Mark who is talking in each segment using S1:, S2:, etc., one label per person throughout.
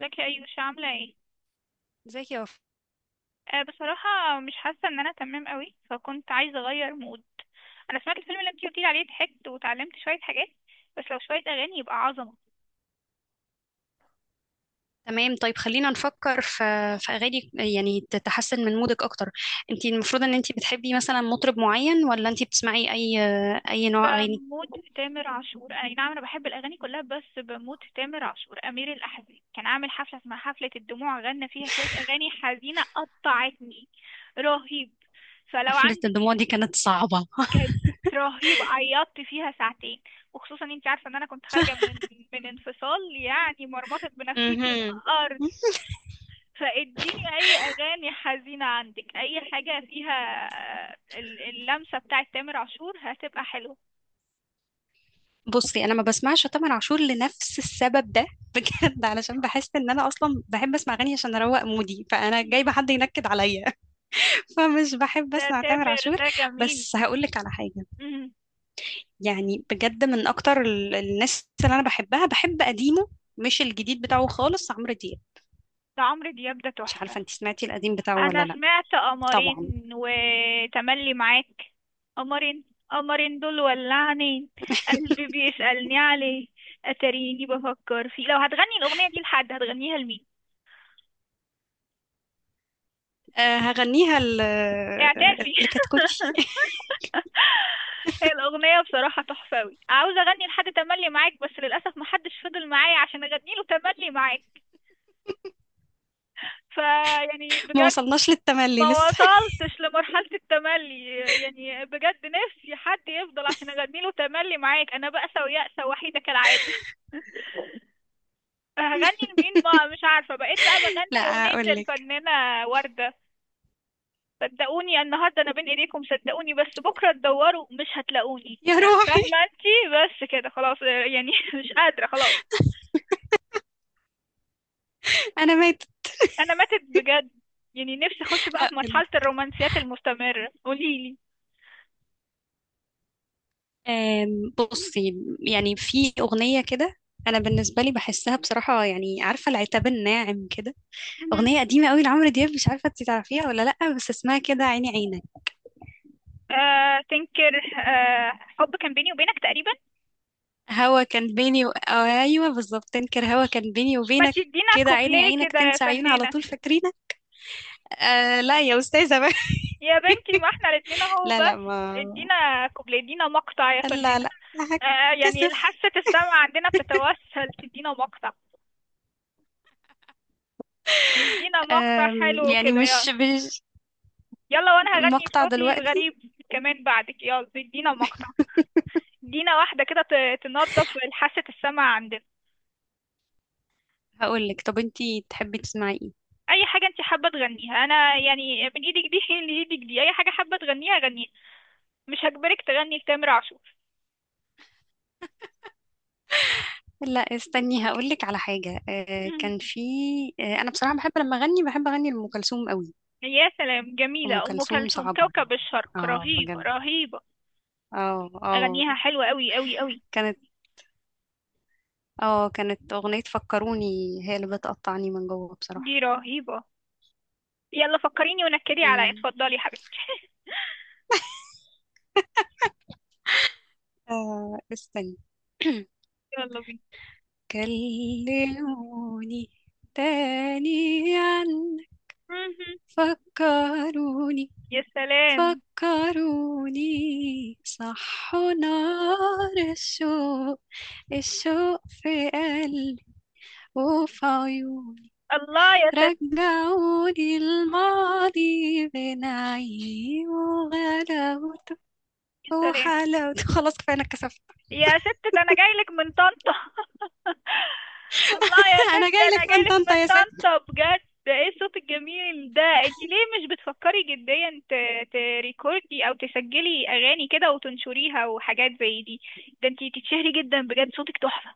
S1: ازيك يا ايوش؟ عامله ايه؟
S2: ازيك يا وفاء؟
S1: آه، بصراحه مش حاسه ان انا تمام قوي، فكنت عايزه اغير مود. انا سمعت الفيلم اللي انتي قلتيلي عليه، ضحكت وتعلمت شويه حاجات. بس لو شويه اغاني يبقى عظمه.
S2: تمام، طيب خلينا نفكر في اغاني يعني تتحسن من مودك اكتر. انت المفروض ان انت بتحبي مثلا مطرب معين، ولا انت بتسمعي اي نوع اغاني؟
S1: فمود تامر عاشور، اي نعم، انا بحب الاغاني كلها بس بموت في تامر عاشور. امير الاحزان كان عامل حفله اسمها حفله الدموع، غنى فيها شويه اغاني حزينه قطعتني. رهيب. فلو
S2: حفلة
S1: عندك.
S2: الدموع دي كانت صعبة.
S1: كانت رهيبة، عيطت فيها ساعتين، وخصوصا انت عارفة ان انا كنت خارجة من انفصال، يعني مرمطت بنفسيتي
S2: مهم.
S1: الارض. فاديني اي اغاني حزينة عندك، اي حاجة فيها اللمسة بتاعت تامر عاشور، هتبقى حلوة.
S2: بصي، انا ما بسمعش تامر عاشور لنفس السبب ده بجد، علشان بحس ان انا اصلا بحب اسمع اغاني عشان اروق مودي، فانا جايبه حد ينكد عليا. فمش بحب
S1: ده
S2: اسمع تامر
S1: تامر
S2: عاشور.
S1: ده جميل.
S2: بس هقول لك على حاجه.
S1: مم.
S2: يعني بجد من اكتر الناس اللي انا بحبها بحب قديمه. مش الجديد بتاعه خالص، عمرو دياب.
S1: ده عمرو دياب ده
S2: مش
S1: تحفة.
S2: عارفه انت سمعتي القديم بتاعه ولا
S1: انا
S2: لا؟
S1: سمعت
S2: طبعا.
S1: قمرين وتملي معاك. قمرين. قمرين دول ولعني، قلبي بيسألني عليه، اتاريني بفكر فيه. لو هتغني الاغنية دي لحد، هتغنيها لمين؟
S2: أه، هغنيها
S1: اعترفي.
S2: اللي كتكوتي.
S1: هي الاغنية بصراحة تحفة اوي. عاوزة اغني لحد تملي معاك، بس للاسف محدش فضل معايا عشان اغني له تملي معاك. فيعني
S2: ما
S1: بجد،
S2: وصلناش للتملي
S1: ما
S2: لسه.
S1: وصلتش لمرحلة التملي. يعني بجد، نفسي حد يفضل عشان اغني له تملي معاك. انا بأسة ويأسة وحيدة كالعادة. هغني لمين بقى؟ مش عارفة. بقيت بقى
S2: لا،
S1: بغني أغنية
S2: اقول لك.
S1: الفنانة وردة. صدقوني النهاردة أنا بين إيديكم، صدقوني بس بكرة تدوروا مش هتلاقوني،
S2: يا
S1: آه،
S2: روحي.
S1: فاهمة أنتي. بس كده خلاص، يعني مش قادرة خلاص.
S2: انا ماتت.
S1: أنا ماتت بجد. يعني نفسي أخش بقى في مرحلة
S2: هقولك.
S1: الرومانسيات المستمرة، قوليلي.
S2: بصي يعني في اغنيه كده. انا بالنسبه لي بحسها بصراحه، يعني عارفه العتاب الناعم كده، اغنيه قديمه قوي لعمرو دياب، مش عارفه انت تعرفيها ولا لا، بس اسمها كده عيني عينك.
S1: آه تنكر؟ آه، حب كان بيني وبينك تقريبا.
S2: هوا كان بيني و... أو ايوه بالظبط، تنكر، هوا كان بيني
S1: ما
S2: وبينك.
S1: تدينا
S2: كده عيني
S1: كوبليه
S2: عينك،
S1: كده يا
S2: تنسى عيوني، على
S1: فنانة.
S2: طول فاكرينك. آه لا يا استاذه بقى.
S1: يا بنتي ما احنا الاتنين اهو،
S2: لا، لا،
S1: بس
S2: ما.
S1: ادينا كوبليه، ادينا مقطع يا
S2: لا،
S1: فنانة.
S2: لا،
S1: آه، يعني
S2: هتكسف.
S1: حاسة السمع عندنا بتتوسل تدينا مقطع. ادينا مقطع حلو
S2: يعني
S1: كده،
S2: مش
S1: يلا.
S2: مش
S1: يلا وانا هغني
S2: مقطع
S1: بصوتي
S2: دلوقتي.
S1: الغريب كمان بعدك. يلا ادينا مقطع، ادينا واحدة كده تنظف حاسة السمع عندنا.
S2: هقول لك، طب انتي تحبي تسمعي ايه؟
S1: اي حاجة انت حابة تغنيها، انا يعني من ايدك دي لايدك دي، اي حاجة حابة تغنيها غنيها. مش هجبرك تغني لتامر عاشور.
S2: لا، استني، هقول لك على حاجه، آه
S1: مم.
S2: كان في. آه، انا بصراحه بحب لما اغني، بحب اغني لام كلثوم قوي.
S1: يا سلام،
S2: ام
S1: جميلة أم
S2: كلثوم
S1: كلثوم.
S2: صعبه.
S1: كوكب الشرق،
S2: اه،
S1: رهيبة
S2: بجد.
S1: رهيبة.
S2: اه، اه.
S1: أغنيها حلوة أوي أوي أوي.
S2: كانت. اه، كانت أغنية فكروني. هي اللي بتقطعني من جوه
S1: دي
S2: بصراحة.
S1: رهيبة. يلا فكريني ونكدي عليا،
S2: مم.
S1: اتفضلي يا حبيبتي.
S2: آه، استني.
S1: يلا بينا.
S2: كلموني تاني عن.
S1: مهم.
S2: فكروني.
S1: يا سلام.
S2: فكروني صحوا نار الشوق، الشوق في قلبي، وفي عيوني،
S1: الله يا سلام.
S2: رجعوني الماضي، بين عيوني وغلاوته.
S1: يا
S2: هو
S1: سلام.
S2: حالا. خلاص، كفايه، انا اتكسفت.
S1: يا ست ده انا جايلك من طنطا. الله، يا ست
S2: انا
S1: ده
S2: جاي
S1: انا
S2: لك من
S1: جايلك من
S2: طنطا يا ست.
S1: طنطا بجد. ده ايه الصوت الجميل ده؟ انت ليه مش بتفكري جديا تريكوردي او تسجلي اغاني كده وتنشريها وحاجات زي دي؟ ده انت تتشهري جدا، بجد صوتك تحفة.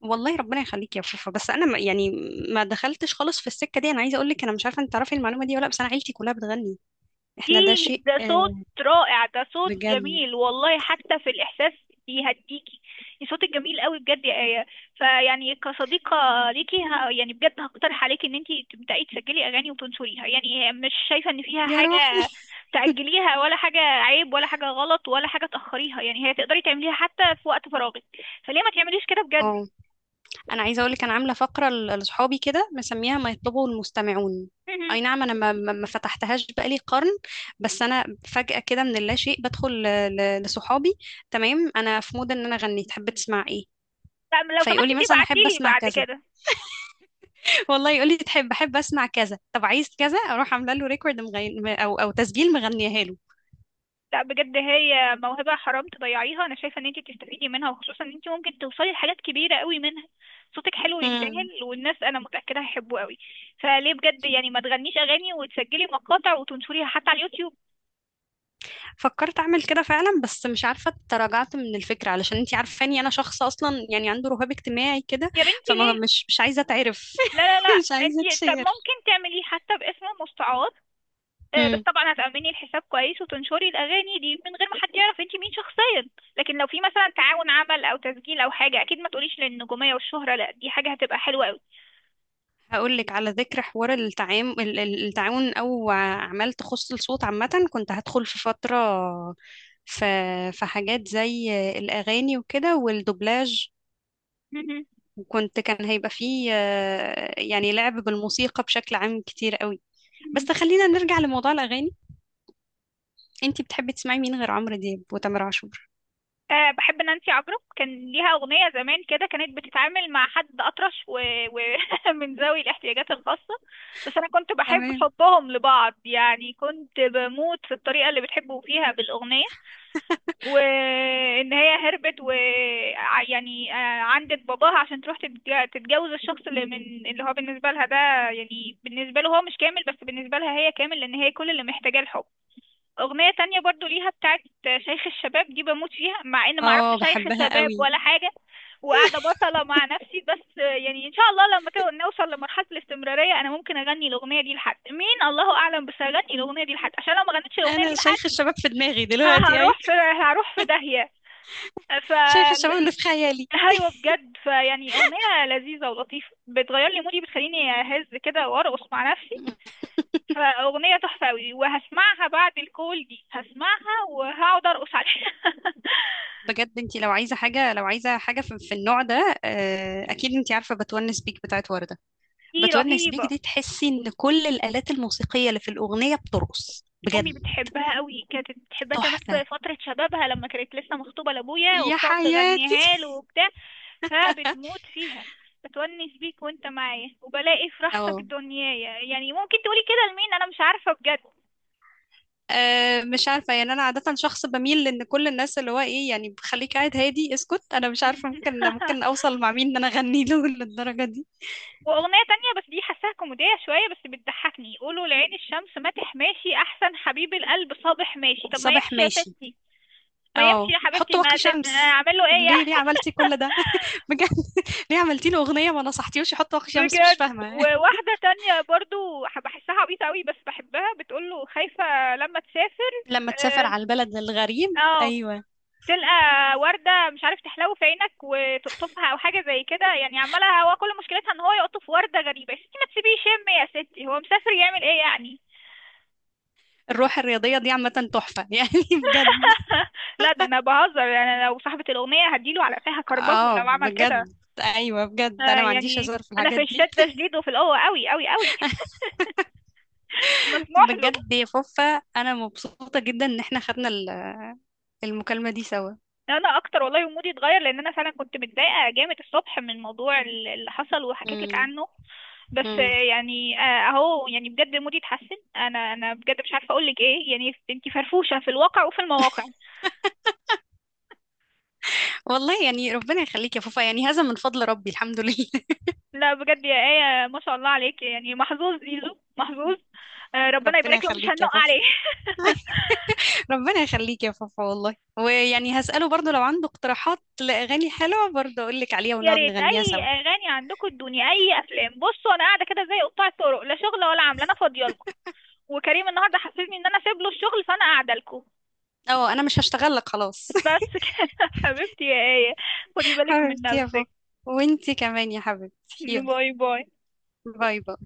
S2: والله ربنا يخليك يا فوفا، بس انا ما، يعني. ما دخلتش خالص في السكه دي. انا عايزه اقول لك، انا مش عارفه انت تعرفي المعلومه دي ولا لأ، بس انا عيلتي كلها بتغني.
S1: دي
S2: احنا ده شيء،
S1: ده صوت
S2: آه.
S1: رائع، ده صوت
S2: بجد.
S1: جميل والله، حتى في الإحساس بيهديكي. صوتك جميل قوي بجد يا آية. فيعني كصديقة ليكي، يعني بجد هقترح عليكي ان انتي تبدأي تسجلي أغاني وتنشريها. يعني مش شايفة ان فيها
S2: يا روحي.
S1: حاجة تأجليها، ولا حاجة عيب، ولا حاجة غلط، ولا حاجة تأخريها. يعني هي تقدري تعمليها حتى في وقت فراغك، فليه ما تعمليش كده بجد؟
S2: اه، انا عايزه اقول لك، انا عامله فقره لاصحابي كده، مسميها ما يطلبه المستمعون.
S1: مهم.
S2: اي نعم، انا ما فتحتهاش بقالي قرن. بس انا. فجاه كده من اللاشيء بدخل لصحابي. تمام، انا في مود ان انا اغني، تحب تسمع ايه؟
S1: لا، لو سمحتي
S2: فيقولي مثلا احب
S1: تبعتيلي
S2: اسمع
S1: بعد
S2: كذا.
S1: كده.
S2: والله يقول لي تحب، بحب اسمع كذا، طب عايز كذا، اروح عامله له ريكورد مغني او تسجيل مغنيها له.
S1: لا بجد، هي موهبة حرام تضيعيها. انا شايفة ان انت تستفيدي منها، وخصوصا ان انت ممكن توصلي لحاجات كبيرة قوي منها. صوتك حلو
S2: مم.
S1: يستاهل، والناس انا متأكدة هيحبوه قوي. فليه بجد يعني ما تغنيش اغاني وتسجلي مقاطع وتنشريها حتى على اليوتيوب؟
S2: فكرت اعمل كده فعلا، بس مش عارفه تراجعت من الفكره، علشان انتي عارفاني انا شخص اصلا يعني عنده رهاب اجتماعي كده.
S1: يا بنتي
S2: فما،
S1: ليه؟
S2: مش عايزه اتعرف.
S1: لا لا لا،
S2: مش
S1: انت.
S2: عايزه
S1: طب
S2: اتشير.
S1: ممكن تعمليه حتى باسم مستعار، آه، بس
S2: مم.
S1: طبعا هتأمني الحساب كويس وتنشري الأغاني دي من غير ما حد يعرف انت مين شخصيا. لكن لو في مثلا تعاون عمل أو تسجيل أو حاجة، أكيد ما تقوليش للنجومية والشهرة، لا دي حاجة هتبقى حلوة قوي.
S2: هقول لك، على ذكر حوار التعاون او اعمال تخص الصوت عامه، كنت هدخل في فتره في في حاجات زي الاغاني وكده والدوبلاج، وكنت كان هيبقى فيه يعني لعب بالموسيقى بشكل عام كتير قوي. بس خلينا نرجع لموضوع الأغاني. انتي بتحبي تسمعي مين غير عمرو دياب وتامر عاشور؟
S1: أه، بحب نانسي عجرم. كان ليها أغنية زمان كده، كانت بتتعامل مع حد أطرش، من ذوي الاحتياجات الخاصة. بس أنا كنت بحب
S2: تمام.
S1: حبهم لبعض، يعني كنت بموت في الطريقة اللي بتحبوا فيها بالأغنية. وإن هي هربت و يعني آه، عندت باباها عشان تروح تتجوز الشخص اللي من، اللي هو بالنسبة لها ده، يعني بالنسبة له هو مش كامل، بس بالنسبة لها هي كامل، لأن هي كل اللي محتاجاه الحب. أغنية تانية برضو ليها بتاعت شيخ الشباب، دي بموت فيها مع إن معرفش
S2: اه،
S1: شيخ
S2: بحبها
S1: شباب
S2: قوي.
S1: ولا حاجة. وقاعدة بصلة مع نفسي، بس يعني إن شاء الله لما كده نوصل لمرحلة الاستمرارية، أنا ممكن أغني الأغنية دي لحد. مين؟ الله أعلم، بس هغني الأغنية دي لحد، عشان لو ما غنيتش الأغنية دي
S2: انا
S1: لحد
S2: شيخ الشباب في دماغي
S1: ه-
S2: دلوقتي اي.
S1: هروح في هروح في داهية. ف
S2: شيخ الشباب اللي في خيالي.
S1: ايوه بجد، فيعني اغنيه لذيذه ولطيفه، بتغير لي مودي، بتخليني اهز كده وارقص مع نفسي. فأغنية تحفة أوي، وهسمعها بعد الكول دي، هسمعها وهقعد أرقص عليها.
S2: بجد، انتي لو عايزة حاجة في النوع ده، اكيد انتي عارفة بتونس بيك بتاعت وردة.
S1: دي
S2: بتونس بيك
S1: رهيبة.
S2: دي تحسي ان كل الآلات الموسيقية اللي في الأغنية بترقص
S1: أمي
S2: بجد.
S1: بتحبها أوي، كانت بتحبها كمان
S2: تحفة.
S1: في فترة شبابها لما كانت لسه مخطوبة لأبويا
S2: يا
S1: وبتقعد
S2: حياتي.
S1: تغنيها له وبتاع. فبتموت فيها. بتونس بيك وانت معايا وبلاقي في راحتك
S2: اه.
S1: دنيايا، يعني ممكن تقولي كده لمين؟ أنا مش عارفة بجد.
S2: أه، مش عارفة، يعني أنا عادة شخص بميل لأن كل الناس اللي هو إيه، يعني خليك قاعد هادي، اسكت. أنا مش عارفة ممكن أوصل مع مين إن أنا أغني له للدرجة دي.
S1: واغنية تانية بس دي حاساها كوميدية شوية، بس بتضحكني، قولوا لعين الشمس ماتح ماشي احسن حبيب القلب صابح ماشي. طب ما
S2: صباح
S1: يمشي يا
S2: ماشي.
S1: ستي، ما يمشي
S2: أه،
S1: يا
S2: حط
S1: حبيبتي، ما
S2: واقي
S1: تت...
S2: شمس.
S1: اعمل له ايه
S2: ليه
S1: يعني؟
S2: ليه عملتي كل ده؟ بجد. ليه عملتي له أغنية ما نصحتيهوش يحط واقي شمس؟ مش
S1: بجد.
S2: فاهمة.
S1: وواحدة تانية برضو بحسها عبيطة قوي بس بحبها، بتقول له خايفة لما تسافر،
S2: لما تسافر
S1: اه،
S2: على البلد الغريب،
S1: آه،
S2: أيوه.
S1: تلقى وردة مش عارف تحلو في عينك وتقطفها او حاجة زي كده. يعني عمالة، هو كل مشكلتها ان هو يقطف وردة غريبة. يا ستي ما تسيبيه يشم، يا ستي هو مسافر يعمل ايه يعني؟
S2: الروح الرياضية دي عامة. تحفة. يعني بجد.
S1: لا ده انا بهزر، يعني أنا لو صاحبة الأغنية هديله على قفاها كربجه
S2: أه،
S1: لو عمل كده.
S2: بجد. أيوه، بجد،
S1: آه
S2: أنا ما عنديش
S1: يعني
S2: هزار في
S1: انا في
S2: الحاجات دي.
S1: الشدة شديد، وفي القوة قوي قوي قوي. مش مسموح له.
S2: بجد يا فوفا. انا مبسوطه جدا ان احنا خدنا المكالمه دي سوا.
S1: انا اكتر والله، مودي اتغير لان انا فعلا كنت متضايقة جامد الصبح من الموضوع اللي حصل وحكيت لك
S2: مم.
S1: عنه. بس آه،
S2: مم.
S1: يعني آه، اهو يعني بجد مودي اتحسن. انا بجد مش عارفة اقول لك ايه، يعني انتي فرفوشة في الواقع وفي المواقع.
S2: والله يعني ربنا يخليك يا فوفا، يعني هذا من فضل ربي، الحمد لله.
S1: لا بجد يا آية، ما شاء الله عليك، يعني محظوظ زيزو، محظوظ. آه، ربنا
S2: ربنا
S1: يبارك له، مش
S2: يخليك يا
S1: هننق
S2: فوفا.
S1: عليه.
S2: ربنا يخليك يا فوفا والله، ويعني هسأله برضو لو عنده اقتراحات لأغاني حلوة، برضو أقول لك عليها
S1: يا
S2: ونقعد
S1: ريت
S2: نغنيها
S1: اي
S2: سوا.
S1: اغاني عندكم ادوني، اي افلام بصوا. انا قاعده كده زي قطاع الطرق، لا شغل ولا عمل، انا فاضيه لكم. وكريم النهارده حسسني ان انا سايب له الشغل، فانا قاعده لكم.
S2: اه، أنا مش هشتغل لك خلاص.
S1: بس كده. حبيبتي يا آية، خدي بالك من
S2: حبيبتي يا
S1: نفسك.
S2: فوفا. وانتي كمان يا حبيبتي،
S1: باي
S2: يلا.
S1: باي باي.
S2: باي باي.